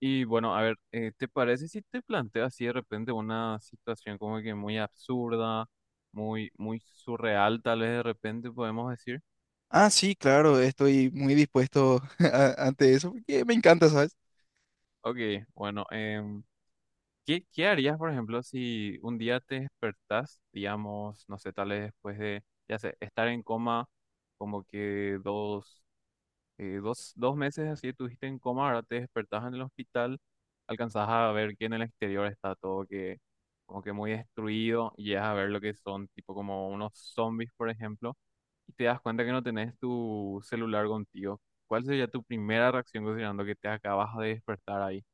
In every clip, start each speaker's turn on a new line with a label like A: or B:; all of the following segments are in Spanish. A: Y bueno, a ver, ¿te parece si te planteas así de repente una situación como que muy absurda, muy surreal, tal vez de repente podemos decir?
B: Ah, sí, claro, estoy muy dispuesto ante eso porque me encanta, ¿sabes?
A: Ok, bueno, ¿qué harías, por ejemplo, si un día te despertás, digamos, no sé, tal vez ya sé, estar en coma como que dos meses así estuviste en coma, ahora te despertás en el hospital, alcanzás a ver que en el exterior está como que muy destruido y llegas a ver lo que son tipo como unos zombies, por ejemplo, y te das cuenta que no tenés tu celular contigo. ¿Cuál sería tu primera reacción considerando que te acabas de despertar ahí?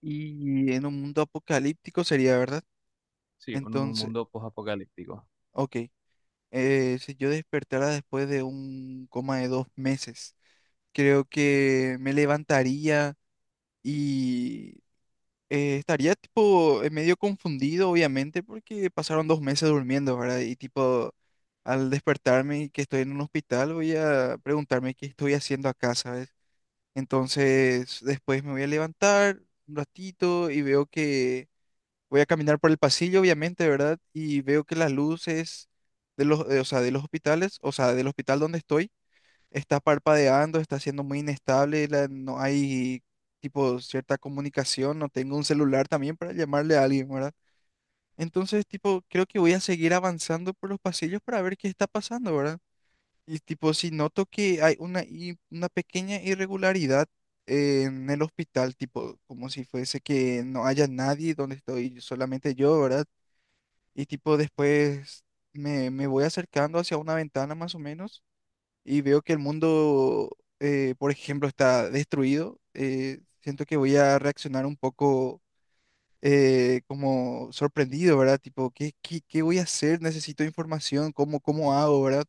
B: Y en un mundo apocalíptico sería, ¿verdad?
A: Sí, en un
B: Entonces,
A: mundo post-apocalíptico.
B: ok, si yo despertara después de un coma de 2 meses, creo que me levantaría y estaría tipo medio confundido, obviamente, porque pasaron 2 meses durmiendo, ¿verdad? Y tipo, al despertarme y que estoy en un hospital, voy a preguntarme qué estoy haciendo acá, ¿sabes? Entonces, después me voy a levantar un ratito y veo que voy a caminar por el pasillo, obviamente, ¿verdad? Y veo que las luces o sea, de los hospitales, o sea, del hospital donde estoy, está parpadeando, está siendo muy inestable, no hay tipo cierta comunicación, no tengo un celular también para llamarle a alguien, ¿verdad? Entonces, tipo, creo que voy a seguir avanzando por los pasillos para ver qué está pasando, ¿verdad? Y tipo, si noto que hay una pequeña irregularidad en el hospital, tipo, como si fuese que no haya nadie donde estoy solamente yo, ¿verdad? Y tipo, después me voy acercando hacia una ventana más o menos y veo que el mundo, por ejemplo, está destruido. Siento que voy a reaccionar un poco como sorprendido, ¿verdad? Tipo, ¿qué voy a hacer? Necesito información. Cómo hago? ¿Verdad?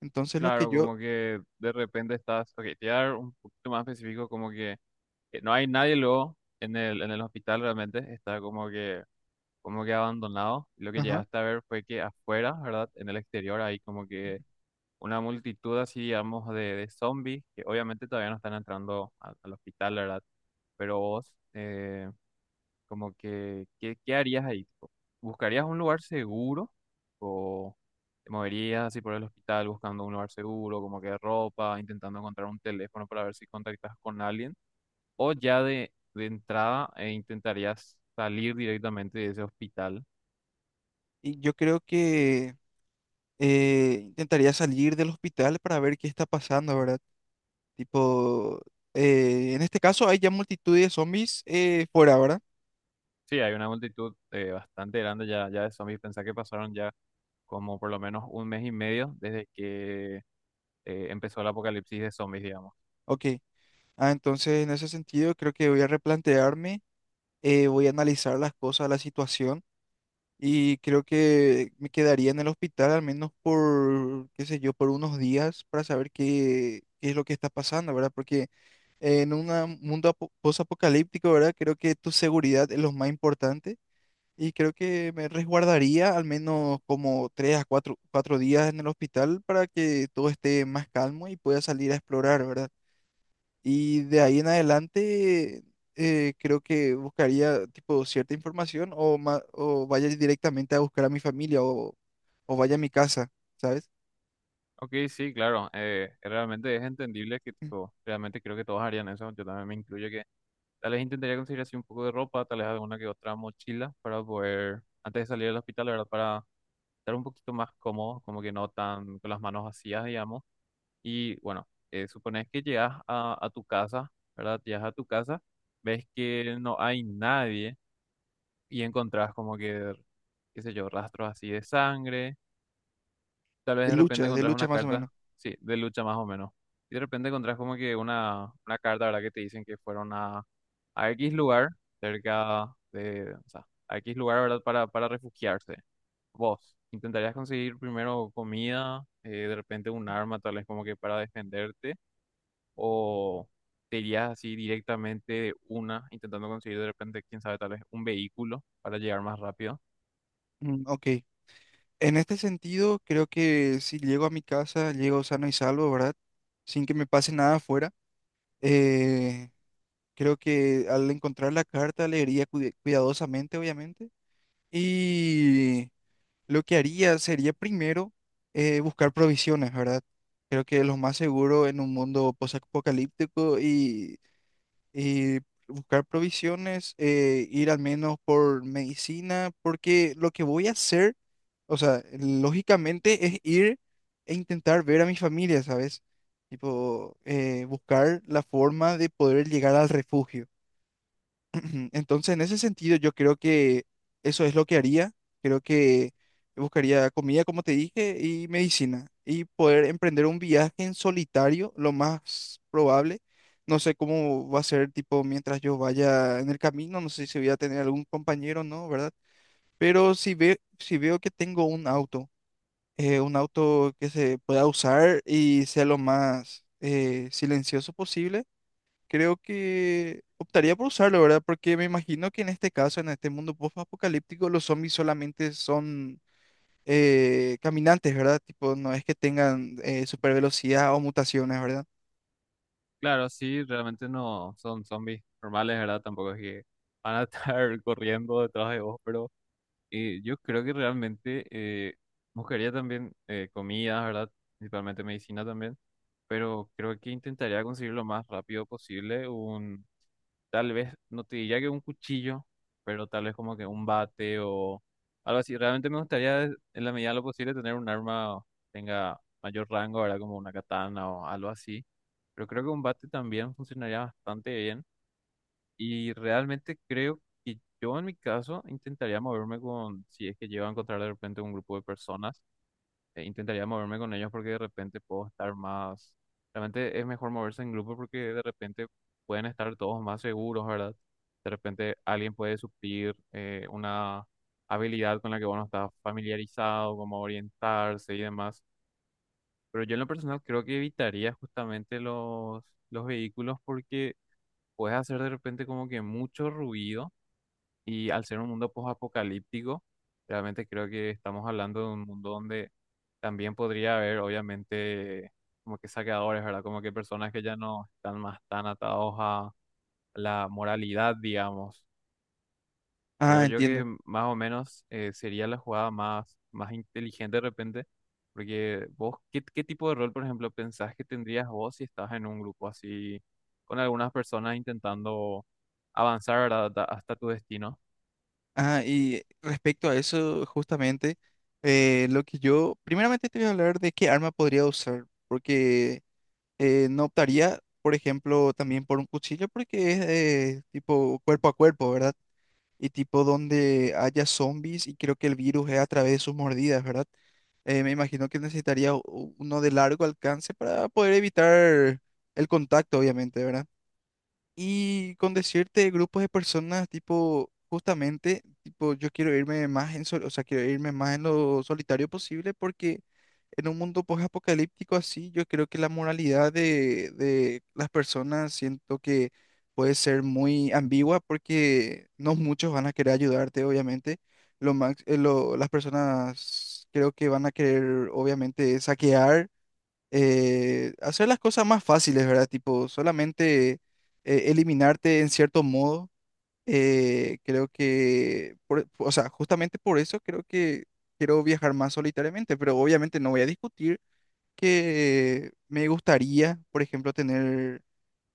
B: Entonces lo que
A: Claro,
B: yo...
A: como que de repente estás, ok, te voy a dar un poquito más específico, como que no hay nadie luego en el hospital realmente, está como que abandonado. Lo que
B: Ajá.
A: llegaste a ver fue que afuera, ¿verdad? En el exterior hay como que una multitud así, digamos, de zombies que obviamente todavía no están entrando al hospital, ¿verdad? Pero vos, como que, ¿qué harías ahí? Tipo, ¿buscarías un lugar seguro o te moverías así por el hospital buscando un lugar seguro, como que ropa, intentando encontrar un teléfono para ver si contactas con alguien? ¿O ya de entrada intentarías salir directamente de ese hospital?
B: Y yo creo que intentaría salir del hospital para ver qué está pasando, ¿verdad? Tipo, en este caso hay ya multitud de zombies fuera, ¿verdad?
A: Sí, hay una multitud bastante grande ya de zombies. Pensá que pasaron ya como por lo menos un mes y medio desde que empezó el apocalipsis de zombies, digamos.
B: Ok. Ah, entonces en ese sentido creo que voy a replantearme, voy a analizar las cosas, la situación, y creo que me quedaría en el hospital al menos por, qué sé yo, por unos días para saber qué es lo que está pasando, ¿verdad? Porque en un mundo posapocalíptico, ¿verdad? Creo que tu seguridad es lo más importante. Y creo que me resguardaría al menos como tres a cuatro días en el hospital para que todo esté más calmo y pueda salir a explorar, ¿verdad? Y de ahí en adelante, creo que buscaría tipo cierta información, o vaya directamente a buscar a mi familia, o vaya a mi casa, ¿sabes?
A: Ok, sí, claro, realmente es entendible que
B: Mm,
A: tipo, realmente creo que todos harían eso, yo también me incluyo que tal vez intentaría conseguir así un poco de ropa, tal vez alguna que otra mochila para poder, antes de salir del hospital, la verdad, para estar un poquito más cómodo, como que no tan con las manos vacías, digamos. Y bueno, supones que llegas a tu casa, ¿verdad? Llegas a tu casa, ves que no hay nadie y encontrás qué sé yo, rastros así de sangre. Tal vez
B: De
A: de repente
B: lucha, de
A: encontrás una
B: lucha más o menos.
A: carta, sí, de lucha más o menos. Y de repente encontrás como que una carta, ¿verdad? Que te dicen que fueron a X lugar, cerca de, o sea, a X lugar, ¿verdad? Para refugiarse. Vos, ¿intentarías conseguir primero comida, de repente un arma, tal vez como que para defenderte? O te irías así directamente de una, intentando conseguir de repente, quién sabe, tal vez un vehículo para llegar más rápido.
B: Mm, ok. En este sentido, creo que si llego a mi casa, llego sano y salvo, ¿verdad? Sin que me pase nada afuera. eh, Creo que al encontrar la carta leería cuidadosamente, obviamente. Y lo que haría sería primero buscar provisiones, ¿verdad? Creo que lo más seguro en un mundo posapocalíptico, y buscar provisiones, ir al menos por medicina, porque lo que voy a hacer, o sea, lógicamente, es ir e intentar ver a mi familia, ¿sabes? Tipo, buscar la forma de poder llegar al refugio. Entonces, en ese sentido, yo creo que eso es lo que haría. Creo que buscaría comida, como te dije, y medicina, y poder emprender un viaje en solitario, lo más probable. No sé cómo va a ser, tipo, mientras yo vaya en el camino, no sé si voy a tener algún compañero no, ¿verdad? Pero si veo que tengo un auto que se pueda usar y sea lo más silencioso posible, creo que optaría por usarlo, ¿verdad? Porque me imagino que en este caso, en este mundo post-apocalíptico, los zombies solamente son caminantes, ¿verdad? Tipo, no es que tengan super velocidad o mutaciones, ¿verdad?
A: Claro, sí, realmente no son zombies normales, ¿verdad? Tampoco es que van a estar corriendo detrás de vos, pero yo creo que realmente buscaría también comida, ¿verdad? Principalmente medicina también, pero creo que intentaría conseguir lo más rápido posible un tal vez, no te diría que un cuchillo, pero tal vez como que un bate o algo así. Realmente me gustaría, en la medida de lo posible, tener un arma que tenga mayor rango, ¿verdad? Como una katana o algo así. Pero creo que un bate también funcionaría bastante bien. Y realmente creo que yo en mi caso intentaría moverme con, si es que llego a encontrar de repente un grupo de personas intentaría moverme con ellos porque de repente puedo estar más, realmente es mejor moverse en grupo porque de repente pueden estar todos más seguros, ¿verdad? De repente alguien puede suplir una habilidad con la que uno está familiarizado, como orientarse y demás. Pero yo en lo personal creo que evitaría justamente los vehículos porque puedes hacer de repente como que mucho ruido y al ser un mundo post-apocalíptico, realmente creo que estamos hablando de un mundo donde también podría haber, obviamente, como que saqueadores, ¿verdad? Como que personas que ya no están más tan atados a la moralidad, digamos. Creo
B: Ah,
A: yo que
B: entiendo.
A: más o menos sería la jugada más inteligente de repente, porque vos, ¿qué tipo de rol, por ejemplo, pensás que tendrías vos si estás en un grupo así, con algunas personas intentando avanzar, ¿verdad? hasta tu destino?
B: Ah, y respecto a eso, justamente, lo que yo, primeramente, te voy a hablar de qué arma podría usar, porque no optaría, por ejemplo, también por un cuchillo, porque es tipo cuerpo a cuerpo, ¿verdad? Y tipo donde haya zombies, y creo que el virus es a través de sus mordidas, ¿verdad? Me imagino que necesitaría uno de largo alcance para poder evitar el contacto, obviamente, ¿verdad? Y con decirte grupos de personas, tipo, justamente, tipo, yo quiero irme más o sea, quiero irme más en lo solitario posible, porque en un mundo post-apocalíptico así, yo creo que la moralidad de las personas, siento que puede ser muy ambigua porque no muchos van a querer ayudarte, obviamente. Las personas creo que van a querer, obviamente, saquear, hacer las cosas más fáciles, ¿verdad? Tipo, solamente eliminarte en cierto modo. Creo que, o sea, justamente por eso creo que quiero viajar más solitariamente, pero obviamente no voy a discutir que me gustaría, por ejemplo, tener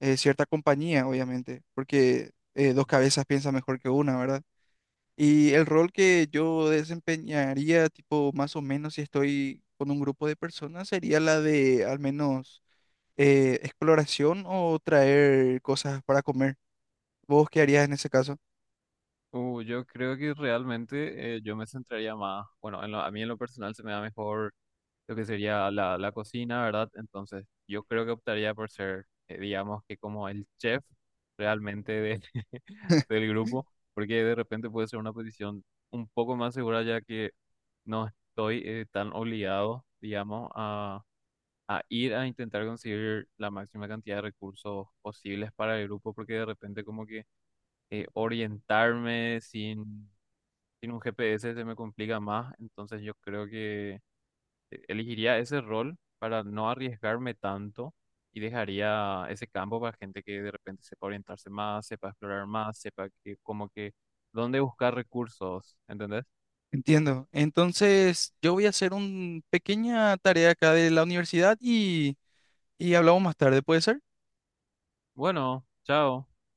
B: cierta compañía, obviamente, porque dos cabezas piensan mejor que una, ¿verdad? Y el rol que yo desempeñaría, tipo, más o menos si estoy con un grupo de personas, sería la de al menos exploración o traer cosas para comer. ¿Vos qué harías en ese caso?
A: Yo creo que realmente yo me centraría más, bueno, a mí en lo personal se me da mejor lo que sería la cocina, ¿verdad? Entonces yo creo que optaría por ser, digamos que como el chef realmente del grupo, porque de repente puede ser una posición un poco más segura ya que no estoy tan obligado, digamos, a ir a intentar conseguir la máxima cantidad de recursos posibles para el grupo, porque de repente como que orientarme sin un GPS se me complica más, entonces yo creo que elegiría ese rol para no arriesgarme tanto y dejaría ese campo para gente que de repente sepa orientarse más, sepa explorar más, sepa que como que dónde buscar recursos, ¿entendés?
B: Entiendo. Entonces, yo voy a hacer una pequeña tarea acá de la universidad, y hablamos más tarde, ¿puede ser?
A: Bueno, chao.